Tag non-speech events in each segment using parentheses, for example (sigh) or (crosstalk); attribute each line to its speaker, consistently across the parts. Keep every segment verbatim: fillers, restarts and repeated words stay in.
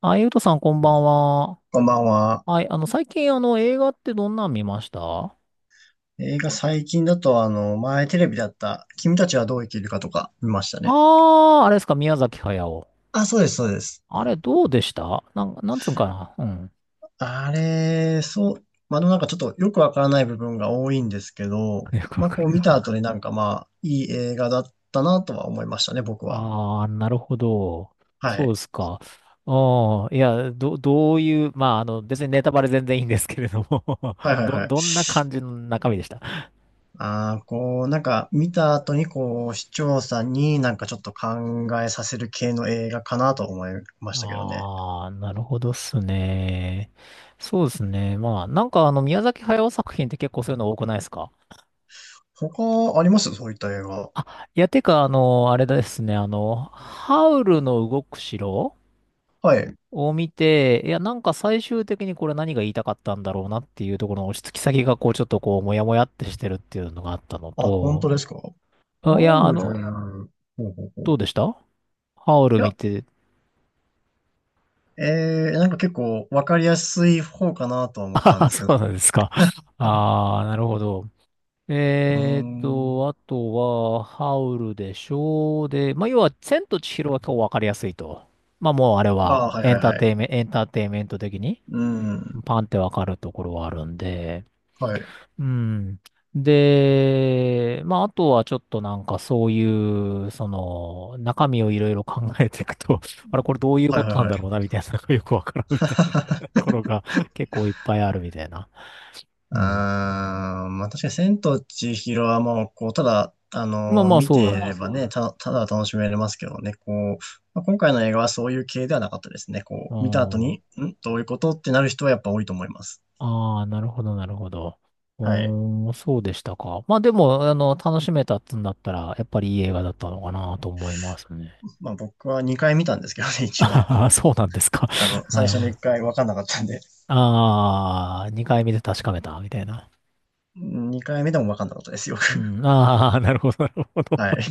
Speaker 1: あ、ゆうとさんこんばんは。
Speaker 2: こんばんは。
Speaker 1: はい、あの、最近あの、映画ってどんなん見ましたあ。
Speaker 2: 映画最近だと、あの、前テレビだった、君たちはどう生きるかとか見ましたね。
Speaker 1: あー、あれですか、宮崎駿。
Speaker 2: あ、そうです、そうです。
Speaker 1: あれどうでしたなん、なんつうんかな、うん。
Speaker 2: あれ、そう、まあ、でもなんかちょっとよくわからない部分が多いんですけ
Speaker 1: (laughs)
Speaker 2: ど、
Speaker 1: よくわ
Speaker 2: まあ、
Speaker 1: か
Speaker 2: こう
Speaker 1: ら
Speaker 2: はい
Speaker 1: な
Speaker 2: 見
Speaker 1: い。
Speaker 2: た後になんかまあ、いい映画だったなとは思いましたね、僕は。
Speaker 1: ああ、なるほど。
Speaker 2: は
Speaker 1: そう
Speaker 2: い。
Speaker 1: ですか。ああ、いや、ど、どういう、まあ、あの、別にネタバレ全然いいんですけれども、
Speaker 2: はい
Speaker 1: (laughs)
Speaker 2: はい
Speaker 1: ど、
Speaker 2: はい。
Speaker 1: どんな感じの中身でした。
Speaker 2: ああ、こう、なんか見た後にこう、視聴者になんかちょっと考えさせる系の映画かなと思いましたけどね。
Speaker 1: ああ、なるほどっすね。そうですね。まあ、なんかあの、宮崎駿作品って結構そういうの多くないですか。
Speaker 2: 他ありますそういった映画。
Speaker 1: あ、いや、てか、あの、あれですね、あの、ハウルの動く城
Speaker 2: はい。
Speaker 1: を見て、いや、なんか最終的にこれ何が言いたかったんだろうなっていうところの落ち着き先が、こう、ちょっとこう、もやもやってしてるっていうのがあったの
Speaker 2: あ、本当
Speaker 1: と、
Speaker 2: ですかフ
Speaker 1: あ、
Speaker 2: ァ
Speaker 1: いや、あ
Speaker 2: ウ
Speaker 1: の、
Speaker 2: ル。ほうほうほ
Speaker 1: ど
Speaker 2: う。
Speaker 1: うでしたハウル
Speaker 2: い
Speaker 1: 見
Speaker 2: や、
Speaker 1: て。(laughs)
Speaker 2: えー、なんか結構わかりやすい方かなとは思った
Speaker 1: あ
Speaker 2: ん
Speaker 1: あ、
Speaker 2: です
Speaker 1: そ
Speaker 2: けど。
Speaker 1: うなんですか。ああ、なるほど。
Speaker 2: うー
Speaker 1: えーっ
Speaker 2: ん。
Speaker 1: と、あとは、ハウルでしょう。で、まあ、要は、千と千尋は今日わかりやすいと。まあ、もうあれ
Speaker 2: あ
Speaker 1: は、
Speaker 2: あ、はい
Speaker 1: エ
Speaker 2: はい
Speaker 1: ンター
Speaker 2: は
Speaker 1: テ
Speaker 2: い。
Speaker 1: イメンエンターテイメント的に。
Speaker 2: うん。
Speaker 1: パンってわかるところはあるんで、
Speaker 2: はい。
Speaker 1: うん。で、まあ、あとはちょっとなんかそういう、その、中身をいろいろ考えていくと、(laughs) あれこれどういう
Speaker 2: はい
Speaker 1: こ
Speaker 2: はい
Speaker 1: となん
Speaker 2: はい。
Speaker 1: だろうな、みたいなのがよくわからんみたいなと
Speaker 2: (laughs)
Speaker 1: ころが結構いっぱいあるみたいな。うん。
Speaker 2: あー、まあ確かに千と千尋はもう、こう、ただ、あ
Speaker 1: まあ
Speaker 2: のー
Speaker 1: まあ、
Speaker 2: 見て
Speaker 1: そ
Speaker 2: い
Speaker 1: う。
Speaker 2: ればね、た、ただ楽しめれますけどね、こう、まあ、今回の映画はそういう系ではなかったですね。
Speaker 1: う
Speaker 2: こう、見た後
Speaker 1: ん。
Speaker 2: に、んどういうことってなる人はやっぱ多いと思います。
Speaker 1: ああ、なるほど、なるほど。う
Speaker 2: はい。
Speaker 1: ーん、そうでしたか。まあでも、あの、楽しめたっつんだったら、やっぱりいい映画だったのかなと思いますね。
Speaker 2: まあ僕はにかい見たんですけどね、
Speaker 1: (laughs) あ
Speaker 2: 一応。
Speaker 1: ははそうなんですか。
Speaker 2: あの、
Speaker 1: (laughs) な
Speaker 2: 最
Speaker 1: る
Speaker 2: 初
Speaker 1: ほ
Speaker 2: の
Speaker 1: ど。
Speaker 2: いっかいぶんかんなかったんで、
Speaker 1: ああ、にかい見て確かめた、みたいな。
Speaker 2: にかいめでも分かんなかったですよ。
Speaker 1: うん、ああ、なるほど、なるほ
Speaker 2: (laughs)
Speaker 1: ど。
Speaker 2: はい。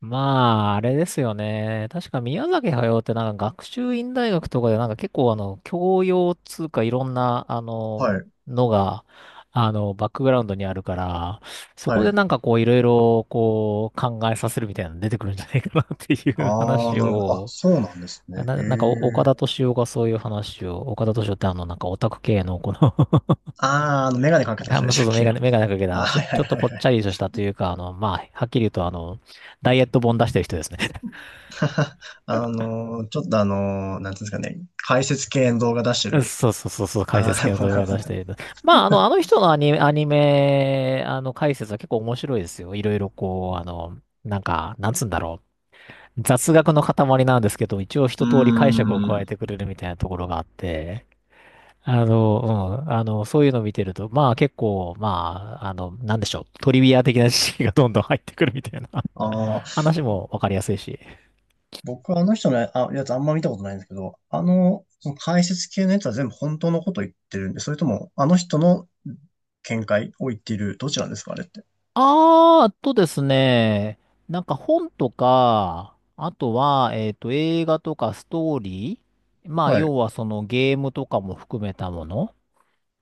Speaker 1: まあ、あれですよね。確か宮崎駿ってなんか学習院大学とかでなんか結構あの、教養つうかいろんな、あ
Speaker 2: は
Speaker 1: の、
Speaker 2: い、
Speaker 1: のが、あの、バックグラウンドにあるから、そこ
Speaker 2: は
Speaker 1: で
Speaker 2: い。
Speaker 1: なんかこういろいろこう考えさせるみたいなの出てくるんじゃないかなっていう
Speaker 2: ああ、
Speaker 1: 話
Speaker 2: なるほど。あ、
Speaker 1: を、
Speaker 2: そうなんですね。へ
Speaker 1: な、なんかお岡田
Speaker 2: え。
Speaker 1: 斗司夫がそういう話を、岡田斗司夫ってあの、なんかオタク系のこの (laughs)
Speaker 2: ああ、あの、メガネかけ
Speaker 1: なん
Speaker 2: た
Speaker 1: か、
Speaker 2: 人
Speaker 1: ま
Speaker 2: で
Speaker 1: あ
Speaker 2: し
Speaker 1: そ
Speaker 2: た
Speaker 1: う
Speaker 2: っ
Speaker 1: そう、メ
Speaker 2: け。
Speaker 1: ガ
Speaker 2: あ
Speaker 1: ネ、メガネかけた、
Speaker 2: ー
Speaker 1: あのちょ、
Speaker 2: はいは
Speaker 1: ち
Speaker 2: い
Speaker 1: ょっと
Speaker 2: はい
Speaker 1: ぽっ
Speaker 2: は
Speaker 1: ち
Speaker 2: い。
Speaker 1: ゃりとしたというか、あの、まあ、はっきり言うと、あの、ダイエット本出してる人ですね。
Speaker 2: (laughs) あのー、ちょっとあのー、なんていうんですかね、解説系の動画出して
Speaker 1: (laughs)
Speaker 2: る。
Speaker 1: そうそうそう、そう、解
Speaker 2: ああ、
Speaker 1: 説
Speaker 2: なる
Speaker 1: 系の
Speaker 2: ほど
Speaker 1: 動
Speaker 2: なる
Speaker 1: 画
Speaker 2: ほ
Speaker 1: 出し
Speaker 2: ど。
Speaker 1: てる人。まあ、あの、あの人のアニメ、アニメ、あの、解説は結構面白いですよ。いろいろこう、あの、なんか、なんつうんだろう。雑学の塊なんですけど、一応
Speaker 2: う
Speaker 1: 一
Speaker 2: ー
Speaker 1: 通り解釈を加え
Speaker 2: ん。
Speaker 1: てくれるみたいなところがあって、あの、うん、あの、そういうのを見てると、まあ結構、まあ、あの、なんでしょう、トリビア的な知識がどんどん入ってくるみたいな。
Speaker 2: あ、
Speaker 1: 話もわかりやすいし。
Speaker 2: 僕はあの人のあやつあんま見たことないんですけど、あの、その解説系のやつは全部本当のこと言ってるんで、それともあの人の見解を言っている、どちらですか、あれって。
Speaker 1: あー、あとですね、なんか本とか、あとは、えっと、映画とかストーリー、まあ、
Speaker 2: はい。あ
Speaker 1: 要はそのゲームとかも含めたもの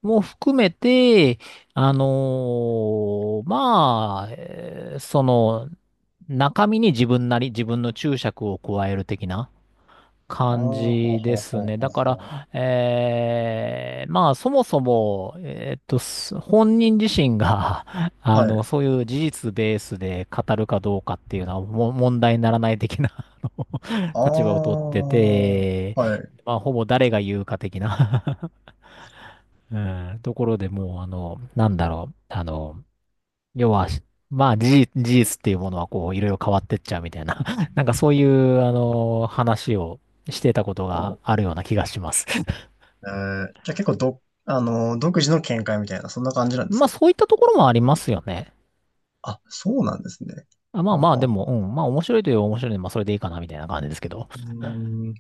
Speaker 1: も含めて、あのーまあ、えーその、中身に自分なり、自分の注釈を加える的な、
Speaker 2: あ、
Speaker 1: 感
Speaker 2: ほうほう
Speaker 1: じで
Speaker 2: ほ
Speaker 1: す
Speaker 2: う
Speaker 1: ね。
Speaker 2: ほ
Speaker 1: だ
Speaker 2: う
Speaker 1: から、
Speaker 2: ほ
Speaker 1: えーまあ、そもそも、えーっと、す本人自身が、(laughs)
Speaker 2: う。
Speaker 1: あ
Speaker 2: は
Speaker 1: の、
Speaker 2: い。
Speaker 1: そういう事実ベースで語るかどうかっていうのは、も問題にならない的な、あの
Speaker 2: ああ、
Speaker 1: 立場を取ってて、
Speaker 2: はい。
Speaker 1: まあ、ほぼ誰が言うか的な (laughs) うん、ところでもう、あの、なんだろう、あの、要は、まあ、事実、事実っていうものは、こう、いろいろ変わってっちゃうみたいな、(laughs) なんかそういう、あの、話をしてたこと
Speaker 2: ほ
Speaker 1: があるような気がします。
Speaker 2: う。えー、じゃあ結構ど、あの、独自の見解みたいな、そんな感じな
Speaker 1: (laughs)
Speaker 2: んです
Speaker 1: まあ、
Speaker 2: か。
Speaker 1: そういったところもありますよね。
Speaker 2: あ、そうなんですね。
Speaker 1: あ、ま
Speaker 2: あ
Speaker 1: あ
Speaker 2: は
Speaker 1: まあ、で
Speaker 2: は
Speaker 1: も、う
Speaker 2: は。
Speaker 1: ん、まあ、面白いといえば面白いので、まあ、それでいいかな、みたいな感じですけど。
Speaker 2: うーん。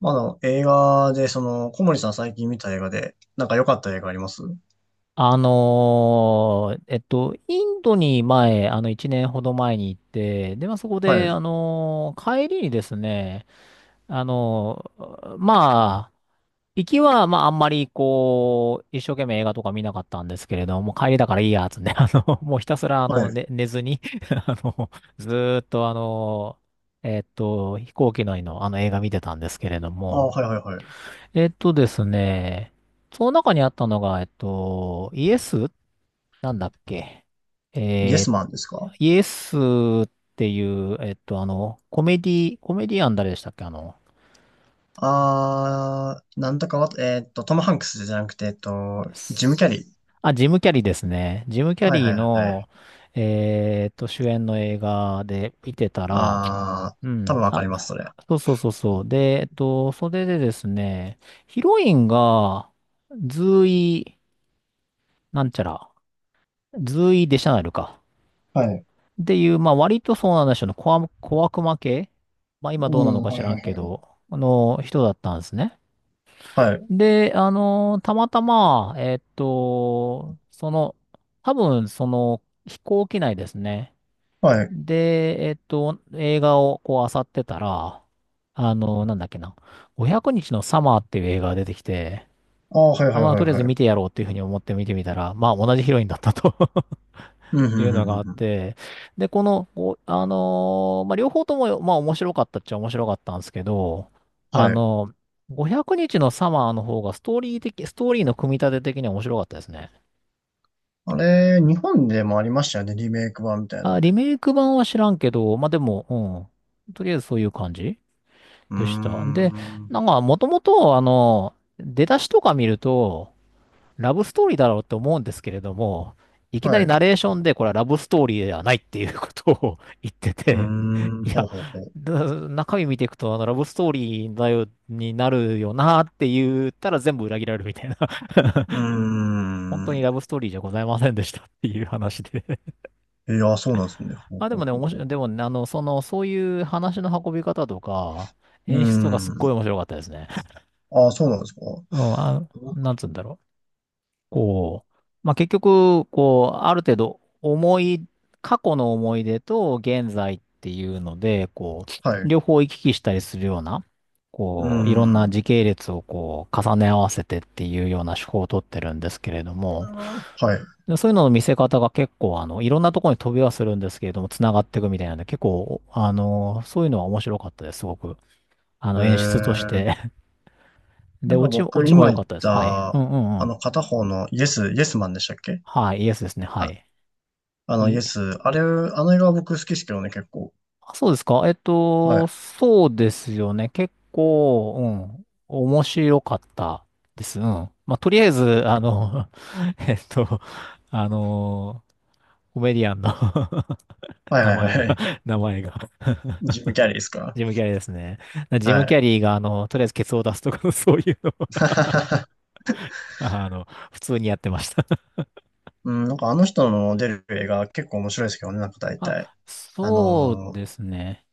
Speaker 2: まあ、あの、映画で、その、小森さん最近見た映画で、なんか良かった映画あります。
Speaker 1: あのーえっと、インドに前、あの、いちねんほど前に行って、で、まあ、そこ
Speaker 2: は
Speaker 1: で、
Speaker 2: い。
Speaker 1: あのー帰りにですね、あのーまあ、行きは、まあ、あんまり、こう、一生懸命映画とか見なかったんですけれども、帰りだからいいや、つね、(laughs) あの、もうひたすら、あ
Speaker 2: は
Speaker 1: の、
Speaker 2: い。
Speaker 1: ね、寝ずに (laughs) あの、ずーっと、あの、えっと、飛行機内の、あの、映画見てたんですけれど
Speaker 2: ああ、
Speaker 1: も、
Speaker 2: はいはいはい。
Speaker 1: えっとですね、その中にあったのが、えっと、イエスなんだっけ、
Speaker 2: イエ
Speaker 1: え
Speaker 2: ス
Speaker 1: ー
Speaker 2: マンですか。
Speaker 1: イエスっていう、えっと、あの、コメディ、コメディアン誰でしたっけあの、
Speaker 2: ああー、なんとかわ、えーっと、トム・ハンクスじゃなくて、えっと、ジム・キャリー。
Speaker 1: あ、ジム・キャリーですね。ジム・キャ
Speaker 2: はい
Speaker 1: リー
Speaker 2: はいはい。
Speaker 1: の、えーっと、主演の映画で見てたら、
Speaker 2: ああ、
Speaker 1: う
Speaker 2: 多
Speaker 1: ん、
Speaker 2: 分わか
Speaker 1: あ、
Speaker 2: ります、それ。
Speaker 1: そうそうそうそう。で、えっと、それでですね、ヒロインが、ズーイ、なんちゃら、ズーイ・デシャナルか、
Speaker 2: はい。
Speaker 1: っていう、まあ、割とそうなんでしょうね、小悪、小悪魔系、まあ、今ど
Speaker 2: う
Speaker 1: うなの
Speaker 2: ん、
Speaker 1: か
Speaker 2: は
Speaker 1: 知
Speaker 2: い
Speaker 1: ら
Speaker 2: は
Speaker 1: んけ
Speaker 2: い
Speaker 1: ど、あの、人だったんですね。
Speaker 2: はい。はい。
Speaker 1: で、あのたまたま、えっと、その、多分、その、飛行機内ですね。
Speaker 2: はい。
Speaker 1: で、えっと、映画をこう、漁ってたら、あのなんだっけな、ごひゃくにちのサマーっていう映画が出てきて、
Speaker 2: ああ、はいは
Speaker 1: あ、
Speaker 2: い
Speaker 1: まあ、
Speaker 2: はい
Speaker 1: とりあえず
Speaker 2: は
Speaker 1: 見
Speaker 2: い。
Speaker 1: てやろうっていうふうに思って見てみたら、まあ、同じヒロインだったと。
Speaker 2: うん、うん、
Speaker 1: い
Speaker 2: う
Speaker 1: う
Speaker 2: ん、
Speaker 1: のが
Speaker 2: う
Speaker 1: あっ
Speaker 2: ん。うん、
Speaker 1: て、で、この、こうあのーまあ、両方とも、まあ、面白かったっちゃ面白かったんですけど、あ
Speaker 2: はい。
Speaker 1: のごひゃくにちのサマーの方がストーリー的、ストーリーの組み立て的には面白かったですね。
Speaker 2: あれ、日本でもありましたよね、リメイク版みたいな
Speaker 1: あ、
Speaker 2: の
Speaker 1: リ
Speaker 2: で。
Speaker 1: メイク版は知らんけど、まあ、でも、うん。とりあえずそういう感じ
Speaker 2: うー
Speaker 1: でした。で、
Speaker 2: ん。
Speaker 1: なんか、もともと、あの、出だしとか見ると、ラブストーリーだろうって思うんですけれども、いきな
Speaker 2: はい。
Speaker 1: り
Speaker 2: う
Speaker 1: ナレーションでこれはラブストーリーではないっていうことを (laughs) 言って
Speaker 2: ー
Speaker 1: て、(laughs)
Speaker 2: ん、
Speaker 1: い
Speaker 2: ほう
Speaker 1: や、
Speaker 2: ほうほう。
Speaker 1: だ中身見ていくと、あの、ラブストーリーだよ、になるよなって言ったら全部裏切られるみたいな、(laughs)
Speaker 2: うー
Speaker 1: 本当にラ
Speaker 2: ん。
Speaker 1: ブストーリーじゃございませんでしたっていう話で。
Speaker 2: いや、そうなんですね。
Speaker 1: (laughs)
Speaker 2: ほ
Speaker 1: ま
Speaker 2: う
Speaker 1: あで
Speaker 2: ほ
Speaker 1: も
Speaker 2: う
Speaker 1: ね、
Speaker 2: ほう
Speaker 1: 面
Speaker 2: ほ
Speaker 1: 白い、
Speaker 2: う。
Speaker 1: でもね、あの、その、そういう話の運び方とか、
Speaker 2: うー
Speaker 1: 演出とかすっごい
Speaker 2: ん。
Speaker 1: 面白かったですね。(laughs)
Speaker 2: ああ、そうなんですか。
Speaker 1: うん、あ、なんつうんだろう。こう、まあ、結局、こう、ある程度、思い、過去の思い出と現在っていうので、こ
Speaker 2: は
Speaker 1: う、
Speaker 2: い。
Speaker 1: 両方行き来したりするような、
Speaker 2: う
Speaker 1: こう、いろんな
Speaker 2: ん。
Speaker 1: 時系列をこう、重ね合わせてっていうような手法をとってるんですけれども、
Speaker 2: あーはい。
Speaker 1: でそういうのの見せ方が結構、あの、いろんなところに飛びはするんですけれども、繋がっていくみたいなんで、結構、あの、そういうのは面白かったです、すごく。あ
Speaker 2: え
Speaker 1: の、演出とし
Speaker 2: ー、
Speaker 1: て (laughs) で、
Speaker 2: なん
Speaker 1: オ
Speaker 2: か
Speaker 1: チ、オ
Speaker 2: 僕
Speaker 1: チも良
Speaker 2: 今
Speaker 1: か
Speaker 2: 言
Speaker 1: っ
Speaker 2: っ
Speaker 1: たです。はい。う
Speaker 2: た、
Speaker 1: んうんう
Speaker 2: あ
Speaker 1: ん。
Speaker 2: の片方のイエス、イエスマンでしたっけ。
Speaker 1: はい、イエスですね。は
Speaker 2: あ、
Speaker 1: い。
Speaker 2: あのイエス、あれ、あの映画は僕好きですけどね、結構。
Speaker 1: あそうですか。えっ
Speaker 2: は
Speaker 1: と、
Speaker 2: い。
Speaker 1: そうですよね。結構、うん、面白かったです。うん。まあ、とりあえず、あの、(laughs) えっと、あの、コメディアンの (laughs)
Speaker 2: はい
Speaker 1: 名
Speaker 2: はい
Speaker 1: 前が、
Speaker 2: はい。
Speaker 1: 名前が、
Speaker 2: ジム・キャリーですか。
Speaker 1: ジム・キャリーですね。ジム・
Speaker 2: は
Speaker 1: キ
Speaker 2: い。
Speaker 1: ャリーが、あの、とりあえずケツを出すとか、(laughs) そういうのを
Speaker 2: (laughs)
Speaker 1: あの、普通にやってました。
Speaker 2: うん、なんかあの人の出る映画結構面白いですけどね、なんか
Speaker 1: (laughs)
Speaker 2: 大
Speaker 1: あ、
Speaker 2: 体。あ
Speaker 1: そう
Speaker 2: のー、
Speaker 1: ですね。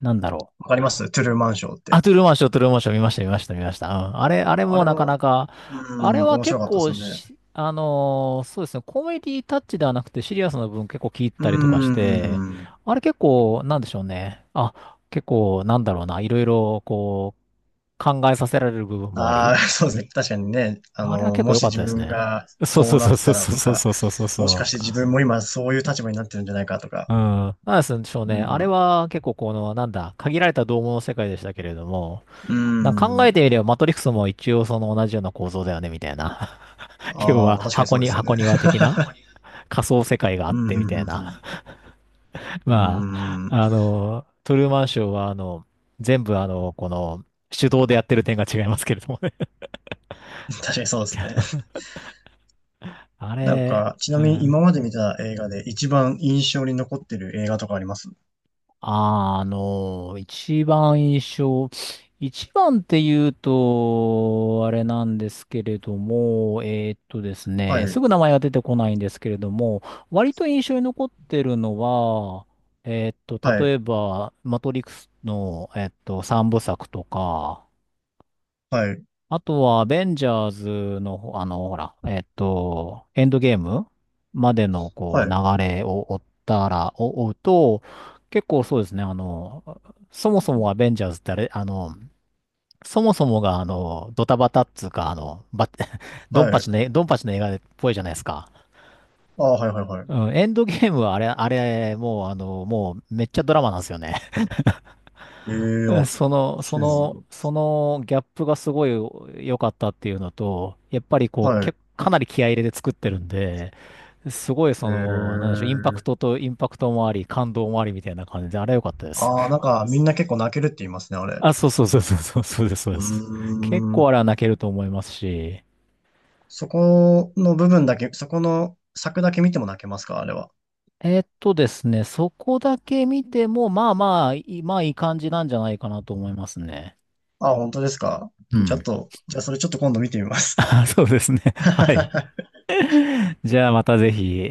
Speaker 1: なんだろう。
Speaker 2: わかりますトゥルーマンショーっ
Speaker 1: あ、
Speaker 2: て。
Speaker 1: トゥルーマンショー、トゥルーマンショー見ました、見ました、見ました。うん。あれ、あれ
Speaker 2: あ
Speaker 1: も
Speaker 2: れ
Speaker 1: なかな
Speaker 2: も、
Speaker 1: か、
Speaker 2: う
Speaker 1: あれ
Speaker 2: ん、
Speaker 1: は
Speaker 2: 面
Speaker 1: 結
Speaker 2: 白かったです
Speaker 1: 構
Speaker 2: よね。
Speaker 1: し、あのーそうですね、コメディタッチではなくてシリアスな部分結構聞いたりとかし
Speaker 2: う
Speaker 1: て、
Speaker 2: ん。
Speaker 1: あれ結構、なんでしょうね。あ、結構、なんだろうな、いろいろ、こう、考えさせられる部分もあ
Speaker 2: あ
Speaker 1: り、
Speaker 2: あ、(laughs) そうですね。確かにね、あ
Speaker 1: あれは
Speaker 2: の、
Speaker 1: 結構
Speaker 2: も
Speaker 1: 良
Speaker 2: し
Speaker 1: かっ
Speaker 2: 自
Speaker 1: たです
Speaker 2: 分
Speaker 1: ね。
Speaker 2: が
Speaker 1: そう
Speaker 2: こ
Speaker 1: そ
Speaker 2: う
Speaker 1: う
Speaker 2: なっ
Speaker 1: そう
Speaker 2: て
Speaker 1: そ
Speaker 2: た
Speaker 1: う
Speaker 2: らと
Speaker 1: そう
Speaker 2: か、
Speaker 1: そうそうそう
Speaker 2: もしか
Speaker 1: そ
Speaker 2: して
Speaker 1: う。
Speaker 2: 自分も今そういう立場になってるんじゃないかと
Speaker 1: う
Speaker 2: か。
Speaker 1: ん。なんでしょう
Speaker 2: う
Speaker 1: ね。あれ
Speaker 2: ん。
Speaker 1: は結構この、なんだ、限られた同物の世界でしたけれども、
Speaker 2: う
Speaker 1: な考
Speaker 2: ん。
Speaker 1: えてみれば、マトリックスも一応その同じような構造だよね、みたいな。(laughs) 要
Speaker 2: ああ、まあ
Speaker 1: は、
Speaker 2: 確かにそ
Speaker 1: 箱
Speaker 2: うで
Speaker 1: に、
Speaker 2: すよね。
Speaker 1: 箱庭的な
Speaker 2: (laughs)
Speaker 1: 仮想世界があっ
Speaker 2: うん、う
Speaker 1: て、みたい
Speaker 2: ん、う
Speaker 1: な。
Speaker 2: ん、
Speaker 1: (laughs)
Speaker 2: う
Speaker 1: まあ、
Speaker 2: ん。うん、
Speaker 1: あの、トゥルーマンショーは、あの、全部、あの、この、手動でやってる点が違いますけれどもね。
Speaker 2: 確かにそうですね。
Speaker 1: (laughs) あ
Speaker 2: なん
Speaker 1: れ、
Speaker 2: か、ちな
Speaker 1: う
Speaker 2: みに
Speaker 1: ん。
Speaker 2: 今まで見た映画で一番印象に残ってる映画とかあります。
Speaker 1: あの、一番印象、一番って言うと、あれなんですけれども、えーっとです
Speaker 2: は
Speaker 1: ね、す
Speaker 2: い、
Speaker 1: ぐ名前が出てこないんですけれども、割と印象に残ってるのは、えーっ
Speaker 2: は
Speaker 1: と、例
Speaker 2: い、
Speaker 1: えば、マトリックスの、えーっと、三部作とか、
Speaker 2: はい、
Speaker 1: あとは、アベンジャーズのほ、あの、ほら、えっと、エンドゲームまでの、こ
Speaker 2: は
Speaker 1: う、
Speaker 2: い、
Speaker 1: 流れを追ったら、お追うと、結構そうですね、あの、そもそもアベンジャーズってあれ、あの、そもそもが、あの、ドタバタっつうか、あの、ば、(laughs) ドン
Speaker 2: は
Speaker 1: パ
Speaker 2: い。
Speaker 1: チの、ドンパチの映画っぽいじゃないですか。
Speaker 2: ああ、はい、はい、はい。
Speaker 1: うん、エンドゲームはあれ、あれ、もう、あの、もう、めっちゃドラマなんですよね。
Speaker 2: ええ
Speaker 1: うん
Speaker 2: あ、
Speaker 1: その、そ
Speaker 2: そうなん
Speaker 1: の、
Speaker 2: だ。
Speaker 1: そのギャップがすごい良かったっていうのと、やっぱりこう、
Speaker 2: は
Speaker 1: け、
Speaker 2: い。
Speaker 1: かなり気合い入れて作ってるんで、すごいその、なんでしょう、インパクト
Speaker 2: ええ、
Speaker 1: とインパクトもあり、感動もありみたいな感じで、あれ良かったです。
Speaker 2: ああ、なんかみんな結構泣けるって言いますね、あれ。
Speaker 1: あ、そうそうそうそうそう、そうです、そう
Speaker 2: う
Speaker 1: です。結
Speaker 2: ー
Speaker 1: 構
Speaker 2: ん。
Speaker 1: あれは泣けると思いますし、
Speaker 2: そこの部分だけ、そこの作だけ見ても泣けますか、あれは。
Speaker 1: えーっとですね、そこだけ見ても、まあまあ、いまあいい感じなんじゃないかなと思いますね。
Speaker 2: ああ、本当ですか。
Speaker 1: う
Speaker 2: ちょっ
Speaker 1: ん。
Speaker 2: と、じゃあそれちょっと今度見てみます。
Speaker 1: (laughs) そうですね。はい。
Speaker 2: (laughs)
Speaker 1: じゃあまたぜひ。